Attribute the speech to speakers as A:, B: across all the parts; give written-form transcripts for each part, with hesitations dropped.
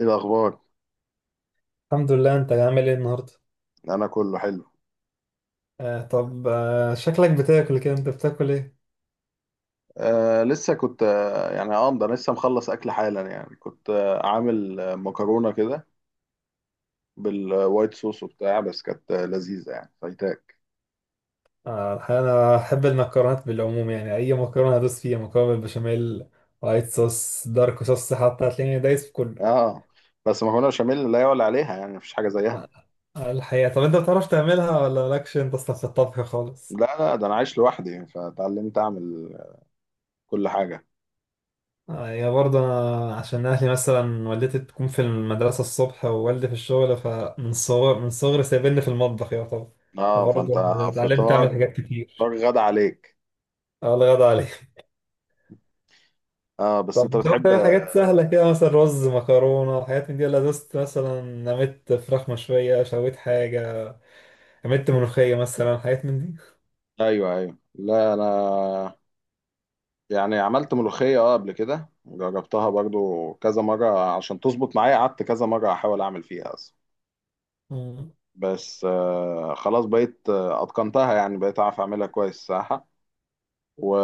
A: ايه الاخبار؟
B: الحمد لله، انت عامل ايه النهارده؟
A: انا كله حلو.
B: طب شكلك بتاكل كده، انت بتاكل ايه؟
A: لسه كنت ده أنا لسه مخلص اكل حالا، يعني كنت عامل مكرونه كده بالوايت صوص وبتاع، بس كانت لذيذه يعني، فايتاك.
B: الحقيقة انا احب المكرونات بالعموم، يعني اي مكرونه ادوس فيها. مكرونه بالبشاميل، وايت صوص، دارك صوص، حتى هتلاقيني دايس في كله.
A: اه بس مكرونه بشاميل لا يعلى عليها، يعني مفيش حاجه زيها.
B: الحقيقه، طب انت بتعرف تعملها ولا مالكش انت اصلا في الطبخ خالص؟
A: لا، لا، ده انا عايش لوحدي، فتعلمت اعمل كل حاجه.
B: يا برضه انا، عشان اهلي مثلا والدتي بتكون في المدرسه الصبح ووالدي في الشغل، فمن صغر من صغري سايبني في المطبخ، يا طبعا،
A: اه، فانت.
B: فبرضه اتعلمت
A: فطار،
B: اعمل حاجات كتير.
A: فطار غدا عليك.
B: آه، الله يرضى عليك.
A: اه بس
B: طب
A: انت
B: انت ممكن
A: بتحب.
B: تعمل حاجات سهلة كده، مثلا رز، مكرونة، حاجات من دي؟ ولا دوست مثلا، عملت فراخ مشوية، شويت حاجة، عملت ملوخية مثلا، حاجات من دي؟
A: ايوه، ايوه، لا، انا. يعني عملت ملوخية قبل كده، جربتها برضو كذا مرة عشان تظبط معايا، قعدت كذا مرة أحاول أعمل فيها أصلا.
B: مم.
A: بس خلاص بقيت أتقنتها، يعني بقيت أعرف أعملها كويس الصراحة. و...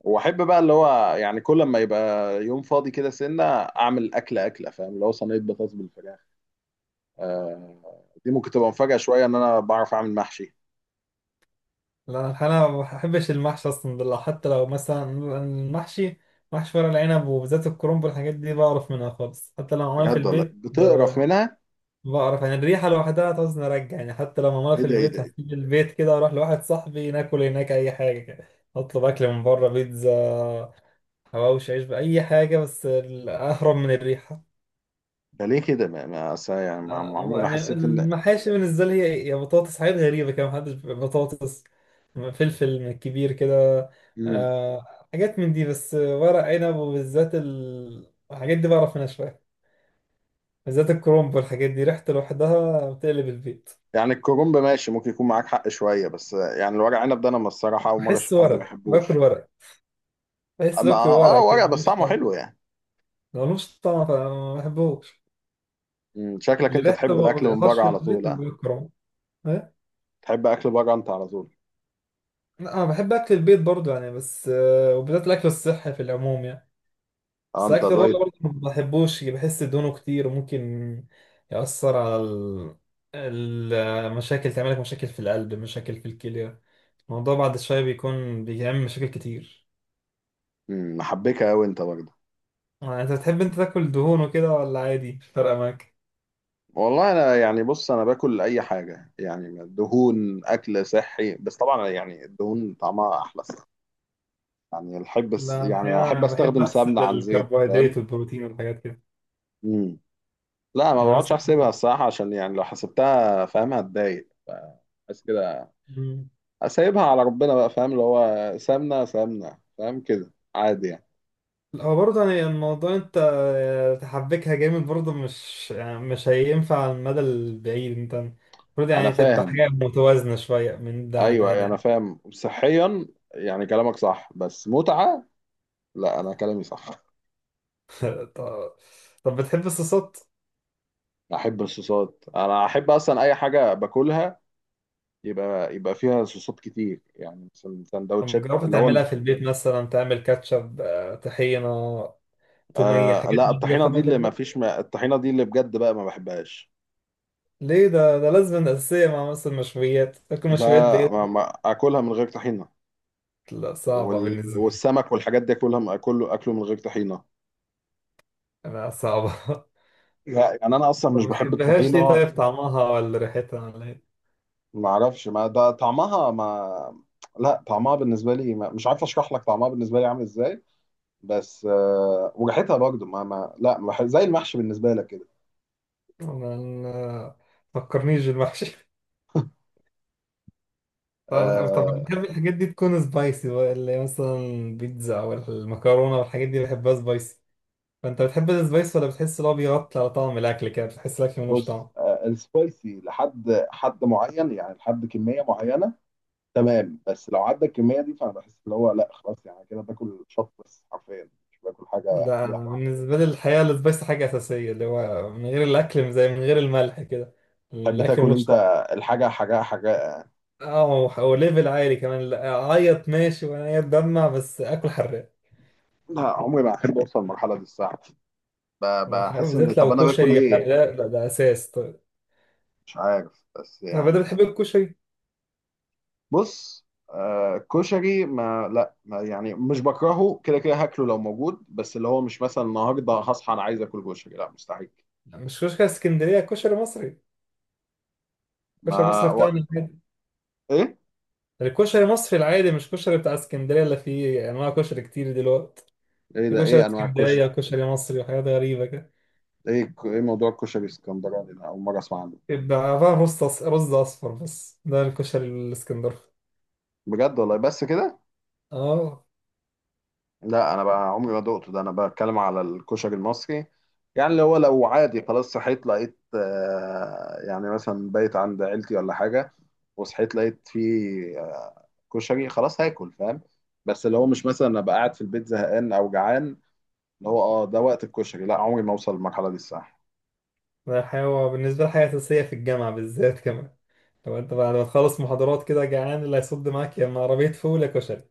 A: وأحب بقى اللي هو، يعني كل ما يبقى يوم فاضي كده سنة، أعمل أكلة أكلة، فاهم، اللي هو صينية بطاطس بالفراخ. دي ممكن تبقى مفاجأة شوية إن أنا بعرف أعمل محشي.
B: لا انا الحقيقة ما بحبش المحشي اصلا، ده حتى لو مثلا المحشي محشي ورق العنب، وبالذات الكرنب والحاجات دي بعرف منها خالص. حتى لو عملها في
A: بجد والله؟
B: البيت
A: بتقرف منها؟
B: بعرف يعني الريحة لوحدها تعوز نرجع، يعني حتى لو معمولة
A: إيه
B: في
A: ده؟ إيه ده؟
B: البيت
A: إيه ده؟
B: هسيب البيت كده واروح لواحد صاحبي ناكل هناك أي حاجة كده. أطلب أكل من بره، بيتزا، حواوشي، عيش، بأي حاجة، بس أهرب من الريحة.
A: ده ليه كده؟ أصل يعني، ما عمري
B: آه،
A: ما
B: يعني
A: حسيت إن.
B: المحاشي بالنسبة لي هي بطاطس، حاجات غريبة كده، محدش بيبقى بطاطس، فلفل كبير كده.
A: مم.
B: آه، حاجات من دي. بس ورق عنب وبالذات الحاجات دي بعرف منها شوية. بالذات الكرنب والحاجات دي ريحته لوحدها بتقلب البيت.
A: يعني الكرنب ماشي، ممكن يكون معاك حق شويه، بس يعني الورق عنب ده انا الصراحه اول مره
B: بحس
A: اشوف حد ما
B: ورق باكل
A: يحبوش.
B: ورق بحس
A: اما
B: باكل ورق كده
A: ورق، بس
B: ملوش
A: طعمه
B: طعم.
A: حلو يعني.
B: لو ملوش طعم فما بحبوش.
A: شكلك
B: اللي
A: انت
B: ريحته
A: تحب
B: ما
A: الاكل من
B: بطيقهاش
A: بره
B: في
A: على طول،
B: البيت،
A: ها؟
B: اللي هو الكرنب.
A: تحب اكل بره انت على طول؟
B: لا، انا بحب اكل البيت برضو يعني، بس وبالذات الاكل الصحي في العموم يعني.
A: اه،
B: بس
A: انت
B: الاكل بره
A: دايت؟
B: برضو ما بحبوش، بحس دهونه كتير وممكن يأثر على المشاكل، تعمل لك مشاكل في القلب، مشاكل في الكلى. الموضوع بعد شوية بيكون بيعمل مشاكل كتير.
A: محبكه قوي انت برضه؟
B: آه، انت بتحب انت تاكل دهون وكده ولا عادي مش فارقة معاك؟
A: والله انا يعني، بص، انا باكل اي حاجه، يعني دهون اكل صحي، بس طبعا يعني الدهون طعمها احلى الصراحة. يعني احب،
B: لا الحقيقة أنا بحب
A: استخدم سمنه
B: أحسب
A: عن زيت، فاهم؟
B: الكربوهيدرات والبروتين والحاجات كده
A: مم. لا، ما
B: يعني،
A: بقعدش
B: مثلا.
A: احسبها الصراحه، عشان يعني لو حسبتها، فاهم، هتضايق. بس كده. اسيبها على ربنا بقى، فاهم، اللي هو سمنه سمنه، فاهم، كده عادي يعني.
B: هو برضه يعني الموضوع، انت تحبكها جامد برضه، مش يعني مش هينفع على المدى البعيد، انت المفروض
A: انا
B: يعني تبقى
A: فاهم.
B: حاجة متوازنة شوية من ده
A: ايوه،
B: على
A: أيوة، انا
B: ده.
A: فاهم صحيا. يعني كلامك صح، بس متعه. لا، انا كلامي صح.
B: طب, طب بتحب الصوصات؟
A: احب الصوصات، انا احب اصلا اي حاجه باكلها يبقى، فيها صوصات كتير، يعني مثلا
B: طب
A: سندوتشات
B: جربت
A: اللي هو.
B: تعملها في البيت، مثلا تعمل كاتشب، طحينة، تومية، حاجات
A: لا،
B: من دي، جربت
A: الطحينه دي
B: تعملها في
A: اللي ما
B: البيت؟
A: فيش، ما الطحينه دي اللي بجد بقى ما بحبهاش.
B: ليه؟ ده لازم أساسية مع مثلا مشويات، تاكل
A: لا،
B: مشويات بإيه؟
A: ما اكلها من غير طحينه.
B: لا، صعبة بالنسبة لي.
A: والسمك والحاجات دي اكلها، اكله اكله، من غير طحينه.
B: لا، صعبة.
A: لا، يعني انا اصلا
B: طب
A: مش
B: ما
A: بحب
B: بتحبهاش ليه؟
A: الطحينه.
B: طيب طعمها ولا ريحتها ولا إيه؟
A: ما اعرفش، ما ده طعمها ما. لا، طعمها بالنسبه لي ما... مش عارف اشرح لك طعمها بالنسبه لي عامل ازاي. بس وريحتها برضه ما... ما لا، ما بحب، زي المحشي بالنسبه لك كده.
B: ما فكرنيش بالمحشي. طب
A: آه...
B: أنا بحب الحاجات دي تكون سبايسي بقى، اللي هي مثلا البيتزا او المكرونه والحاجات دي بحبها سبايسي. فانت بتحب السبايس ولا بتحس ان هو بيغطي على طعم الاكل كده، بتحس الاكل ملوش
A: بص،
B: طعم؟
A: السبايسي لحد حد معين، يعني لحد كميه معينه، تمام. بس لو عدى الكميه دي، فانا بحس اللي هو لا خلاص، يعني كده باكل شط، بس حرفيا مش باكل حاجه
B: لا، أنا
A: ليها طعم.
B: بالنسبه لي الحقيقه السبايسي حاجه اساسيه، اللي هو من غير الاكل زي من غير الملح كده
A: تحب
B: الاكل
A: تاكل
B: ملوش
A: انت
B: طعم.
A: الحاجه، حاجه، حاجه؟
B: اه، وليفل عالي كمان، لا، اعيط ماشي وانا اتدمع بس اكل حراق.
A: لا، عمري ما احب اوصل للمرحله دي الصراحه. بحس ان
B: بالذات
A: طب
B: لو
A: انا باكل
B: كشري حراق،
A: ليه؟
B: لا ده اساس طيب.
A: مش عارف، بس
B: طب انت
A: يعني.
B: بتحب الكشري؟
A: بص، كشري، ما لا، ما يعني مش بكرهه، كده كده هاكله لو موجود، بس اللي هو مش مثلا النهارده هصحى انا عايز اكل كشري، لا مستحيل.
B: مش كشري اسكندريه، كشري مصري.
A: ما
B: كشري مصري يعني بتاعنا
A: و...
B: العادي.
A: ايه؟
B: الكشري المصري العادي، مش كشري بتاع اسكندريه اللي فيه انواع كشري كتير دلوقتي.
A: ايه
B: في
A: ده؟
B: كشري
A: ايه انواع الكشري؟
B: اسكندريه وكشري مصري وحاجات غريبه كده.
A: ايه موضوع الكشري الاسكندراني ده؟ اول مره اسمع عنه.
B: يبقى عباره عن رز رز اصفر بس، ده الكشري الاسكندراني.
A: بجد والله؟ بس كده؟
B: اه،
A: لا، انا بقى عمري ما دقته، ده انا بتكلم على الكشري المصري. يعني اللي هو لو عادي خلاص صحيت لقيت، يعني مثلا بايت عند عيلتي ولا حاجة، وصحيت لقيت فيه، كشري، خلاص هاكل، فاهم. بس اللي هو مش مثلا ابقى قاعد في البيت زهقان او جعان، اللي هو ده وقت الكشري، لا عمري ما اوصل للمرحلة دي الصح.
B: ده حاجه بالنسبه لي، حاجه اساسيه في الجامعه بالذات كمان. لو انت بعد ما تخلص محاضرات كده جعان، اللي هيصد معاك يا اما عربيه فول يا كشري.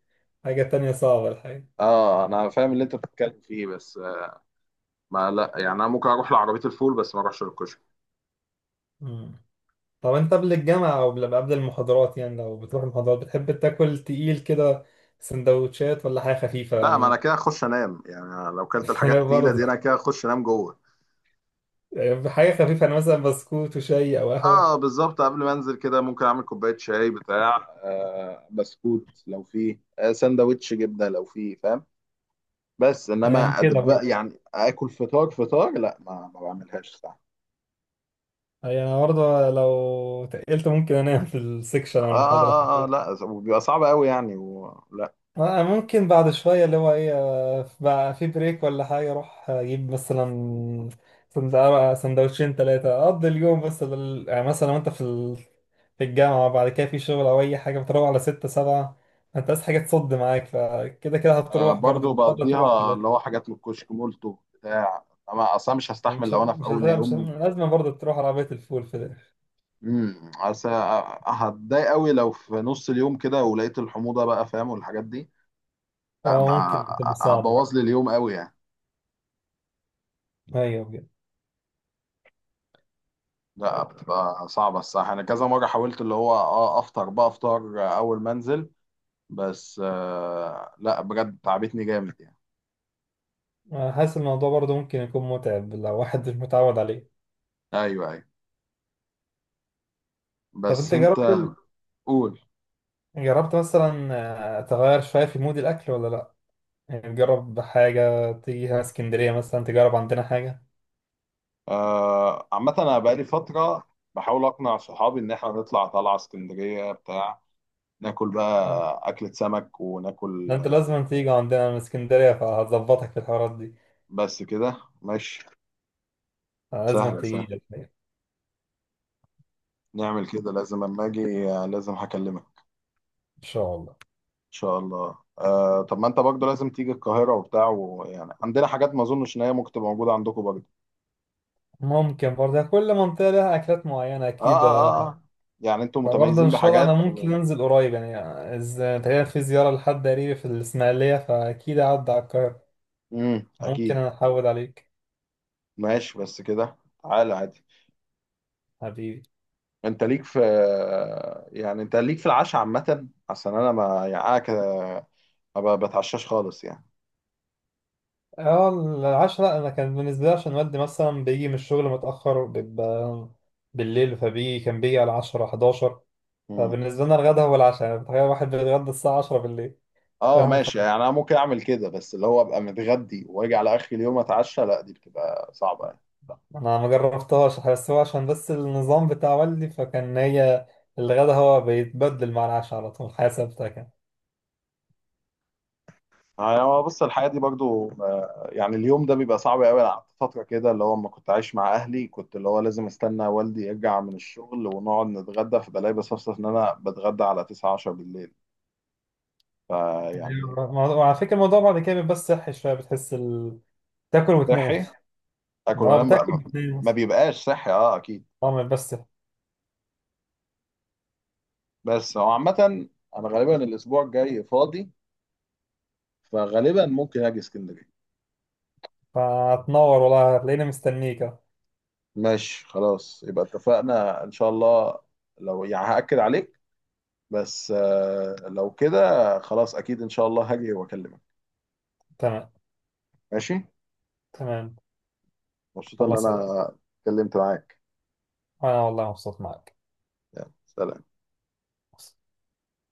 B: حاجه تانية صعبه الحقيقه.
A: اه، انا فاهم اللي انت بتتكلم فيه، بس ما لا، يعني انا ممكن اروح لعربية الفول، بس ما اروحش للكشري.
B: مم. طب انت قبل الجامعة او قبل المحاضرات يعني، لو بتروح المحاضرات بتحب تاكل تقيل كده، سندوتشات ولا حاجة خفيفة
A: لا، ما انا
B: يعني؟
A: كده اخش انام، يعني أنا لو كلت الحاجات التقيله
B: برضه.
A: دي، انا كده اخش انام جوه.
B: يعني حاجة خفيفة، انا مثلا بسكوت وشاي او
A: اه
B: قهوة.
A: بالظبط، قبل ما انزل كده ممكن اعمل كوبايه شاي بتاع، بسكوت لو فيه، سندوتش جبنه لو فيه، فاهم. بس
B: اي
A: انما
B: انا كده
A: ادب،
B: برضه
A: يعني اكل فطار، فطار لا، ما بعملهاش صح.
B: اي انا برضه لو تقلت ممكن انام في السكشن
A: آه،
B: او المحاضرة.
A: اه، اه، اه، لا، بيبقى صعب قوي يعني، ولا؟
B: أنا ممكن بعد شوية اللي هو إيه، بقى في بريك ولا حاجة، أروح أجيب مثلا سند- سندوتشين تلاتة، أقضي اليوم، بس يعني مثلا وأنت في الجامعة، وبعد كده في شغل أو أي حاجة بتروح على 6-7. أنت عايز حاجة تصد معاك، فكده كده هتروح برضه،
A: برضه
B: هتضطر تروح في
A: بقضيها،
B: الآخر.
A: اللي هو حاجات من الكشك مولتو بتاع. انا اصلا مش
B: مش
A: هستحمل،
B: مش
A: لو انا في اول
B: هت- مش
A: يوم.
B: لازم برضه تروح عربية الفول في الآخر.
A: اصل. هتضايق قوي لو في نص اليوم كده، ولقيت الحموضه بقى، فاهم، والحاجات دي. لا، ما.
B: أه، ممكن تبقى صعبة برضه.
A: هتبوظ لي اليوم قوي يعني.
B: أيوه بجد.
A: لا بتبقى صعبه الصراحه، انا كذا مره حاولت اللي هو افطر بقى، افطار اول ما انزل، بس لا بجد تعبتني جامد يعني.
B: أنا حاسس الموضوع برضه ممكن يكون متعب لو واحد مش متعود عليه.
A: ايوه، ايوه،
B: طب
A: بس
B: أنت
A: انت.
B: جربت
A: قول.
B: جربت مثلا تغير شوية في مود الأكل ولا لأ؟ يعني تجرب حاجة، تيجي هنا اسكندرية مثلا تجرب عندنا حاجة.
A: عامه، انا بقالي فتره بحاول اقنع صحابي ان احنا نطلع طلعه اسكندريه بتاع، ناكل
B: آه،
A: بقى اكله سمك
B: ده
A: وناكل.
B: أنت لازم تيجي عندنا من اسكندرية فهظبطك في الحوارات دي.
A: بس كده. ماشي.
B: آه، لازم
A: سهلة
B: تيجي
A: سهلة.
B: لك يعني.
A: نعمل كده، لازم اما اجي، لازم هكلمك.
B: إن شاء الله.
A: ان شاء الله. طب ما انت برضه لازم تيجي القاهرة وبتاع، ويعني عندنا حاجات ما اظنش ان هي ممكن تبقى موجودة عندكم برضه.
B: ممكن برضه يعني، كل منطقة لها أكلات معينة
A: اه،
B: أكيد،
A: اه، اه، آه. يعني انتوا
B: فبرضه
A: متميزين
B: إن شاء الله أنا
A: بحاجات.
B: ممكن أنزل قريب يعني، إذا تقريبا في زيارة لحد قريبي في الإسماعيلية فأكيد أعدي على القاهرة. ممكن
A: اكيد.
B: أنا أحود عليك.
A: ماشي، بس كده. تعالى عادي.
B: حبيبي.
A: انت ليك في. يعني انت ليك في العشاء عامة، عشان انا ما يعني انا كده، ما بتعشاش خالص يعني.
B: اه، العشرة أنا كان بالنسبة لي عشان والدي مثلا بيجي من الشغل متأخر، بيبقى بالليل، كان بيجي على 10-11.
A: امم.
B: فبالنسبة لنا الغدا هو العشاء، يعني تخيل واحد بيتغدى الساعة 10 بالليل.
A: اه
B: فاهم؟
A: ماشي، يعني انا ممكن اعمل كده، بس اللي هو ابقى متغدي واجي على اخر اليوم اتعشى، لا دي بتبقى صعبة يعني.
B: أنا ما جربتهاش، بس هو عشان بس النظام بتاع والدي، فكان هي الغدا هو بيتبدل مع العشاء على طول، حياة ثابتة كان.
A: يعني هو بص، الحياة دي برضو يعني اليوم ده بيبقى صعب قوي، انا قعدت فترة كده اللي هو لما كنت عايش مع اهلي، كنت اللي هو لازم استنى والدي يرجع من الشغل ونقعد نتغدى، فبلاقي بصفصف ان انا بتغدى على 9 10 بالليل. فيعني.
B: أيوة. وعلى فكرة الموضوع بعد كده بيبقى بس صحي شوية، بتحس تاكل وتنام.
A: صحي، اكل
B: اه،
A: وانام بقى،
B: بتاكل
A: ما.
B: وتنام.
A: ما بيبقاش صحي، اه اكيد.
B: اه بس.
A: بس هو عامة، انا غالبا الاسبوع الجاي فاضي، فغالبا ممكن اجي اسكندرية.
B: فهتنور والله، هتلاقيني مستنيك أهو.
A: ماشي، خلاص يبقى اتفقنا ان شاء الله. لو يعني هأكد عليك، بس لو كده، خلاص اكيد ان شاء الله هاجي واكلمك.
B: تمام.
A: ماشي.
B: تمام.
A: مبسوط ان
B: الله، سلام.
A: انا اتكلمت معاك.
B: أنا والله مبسوط معك.
A: يلا سلام.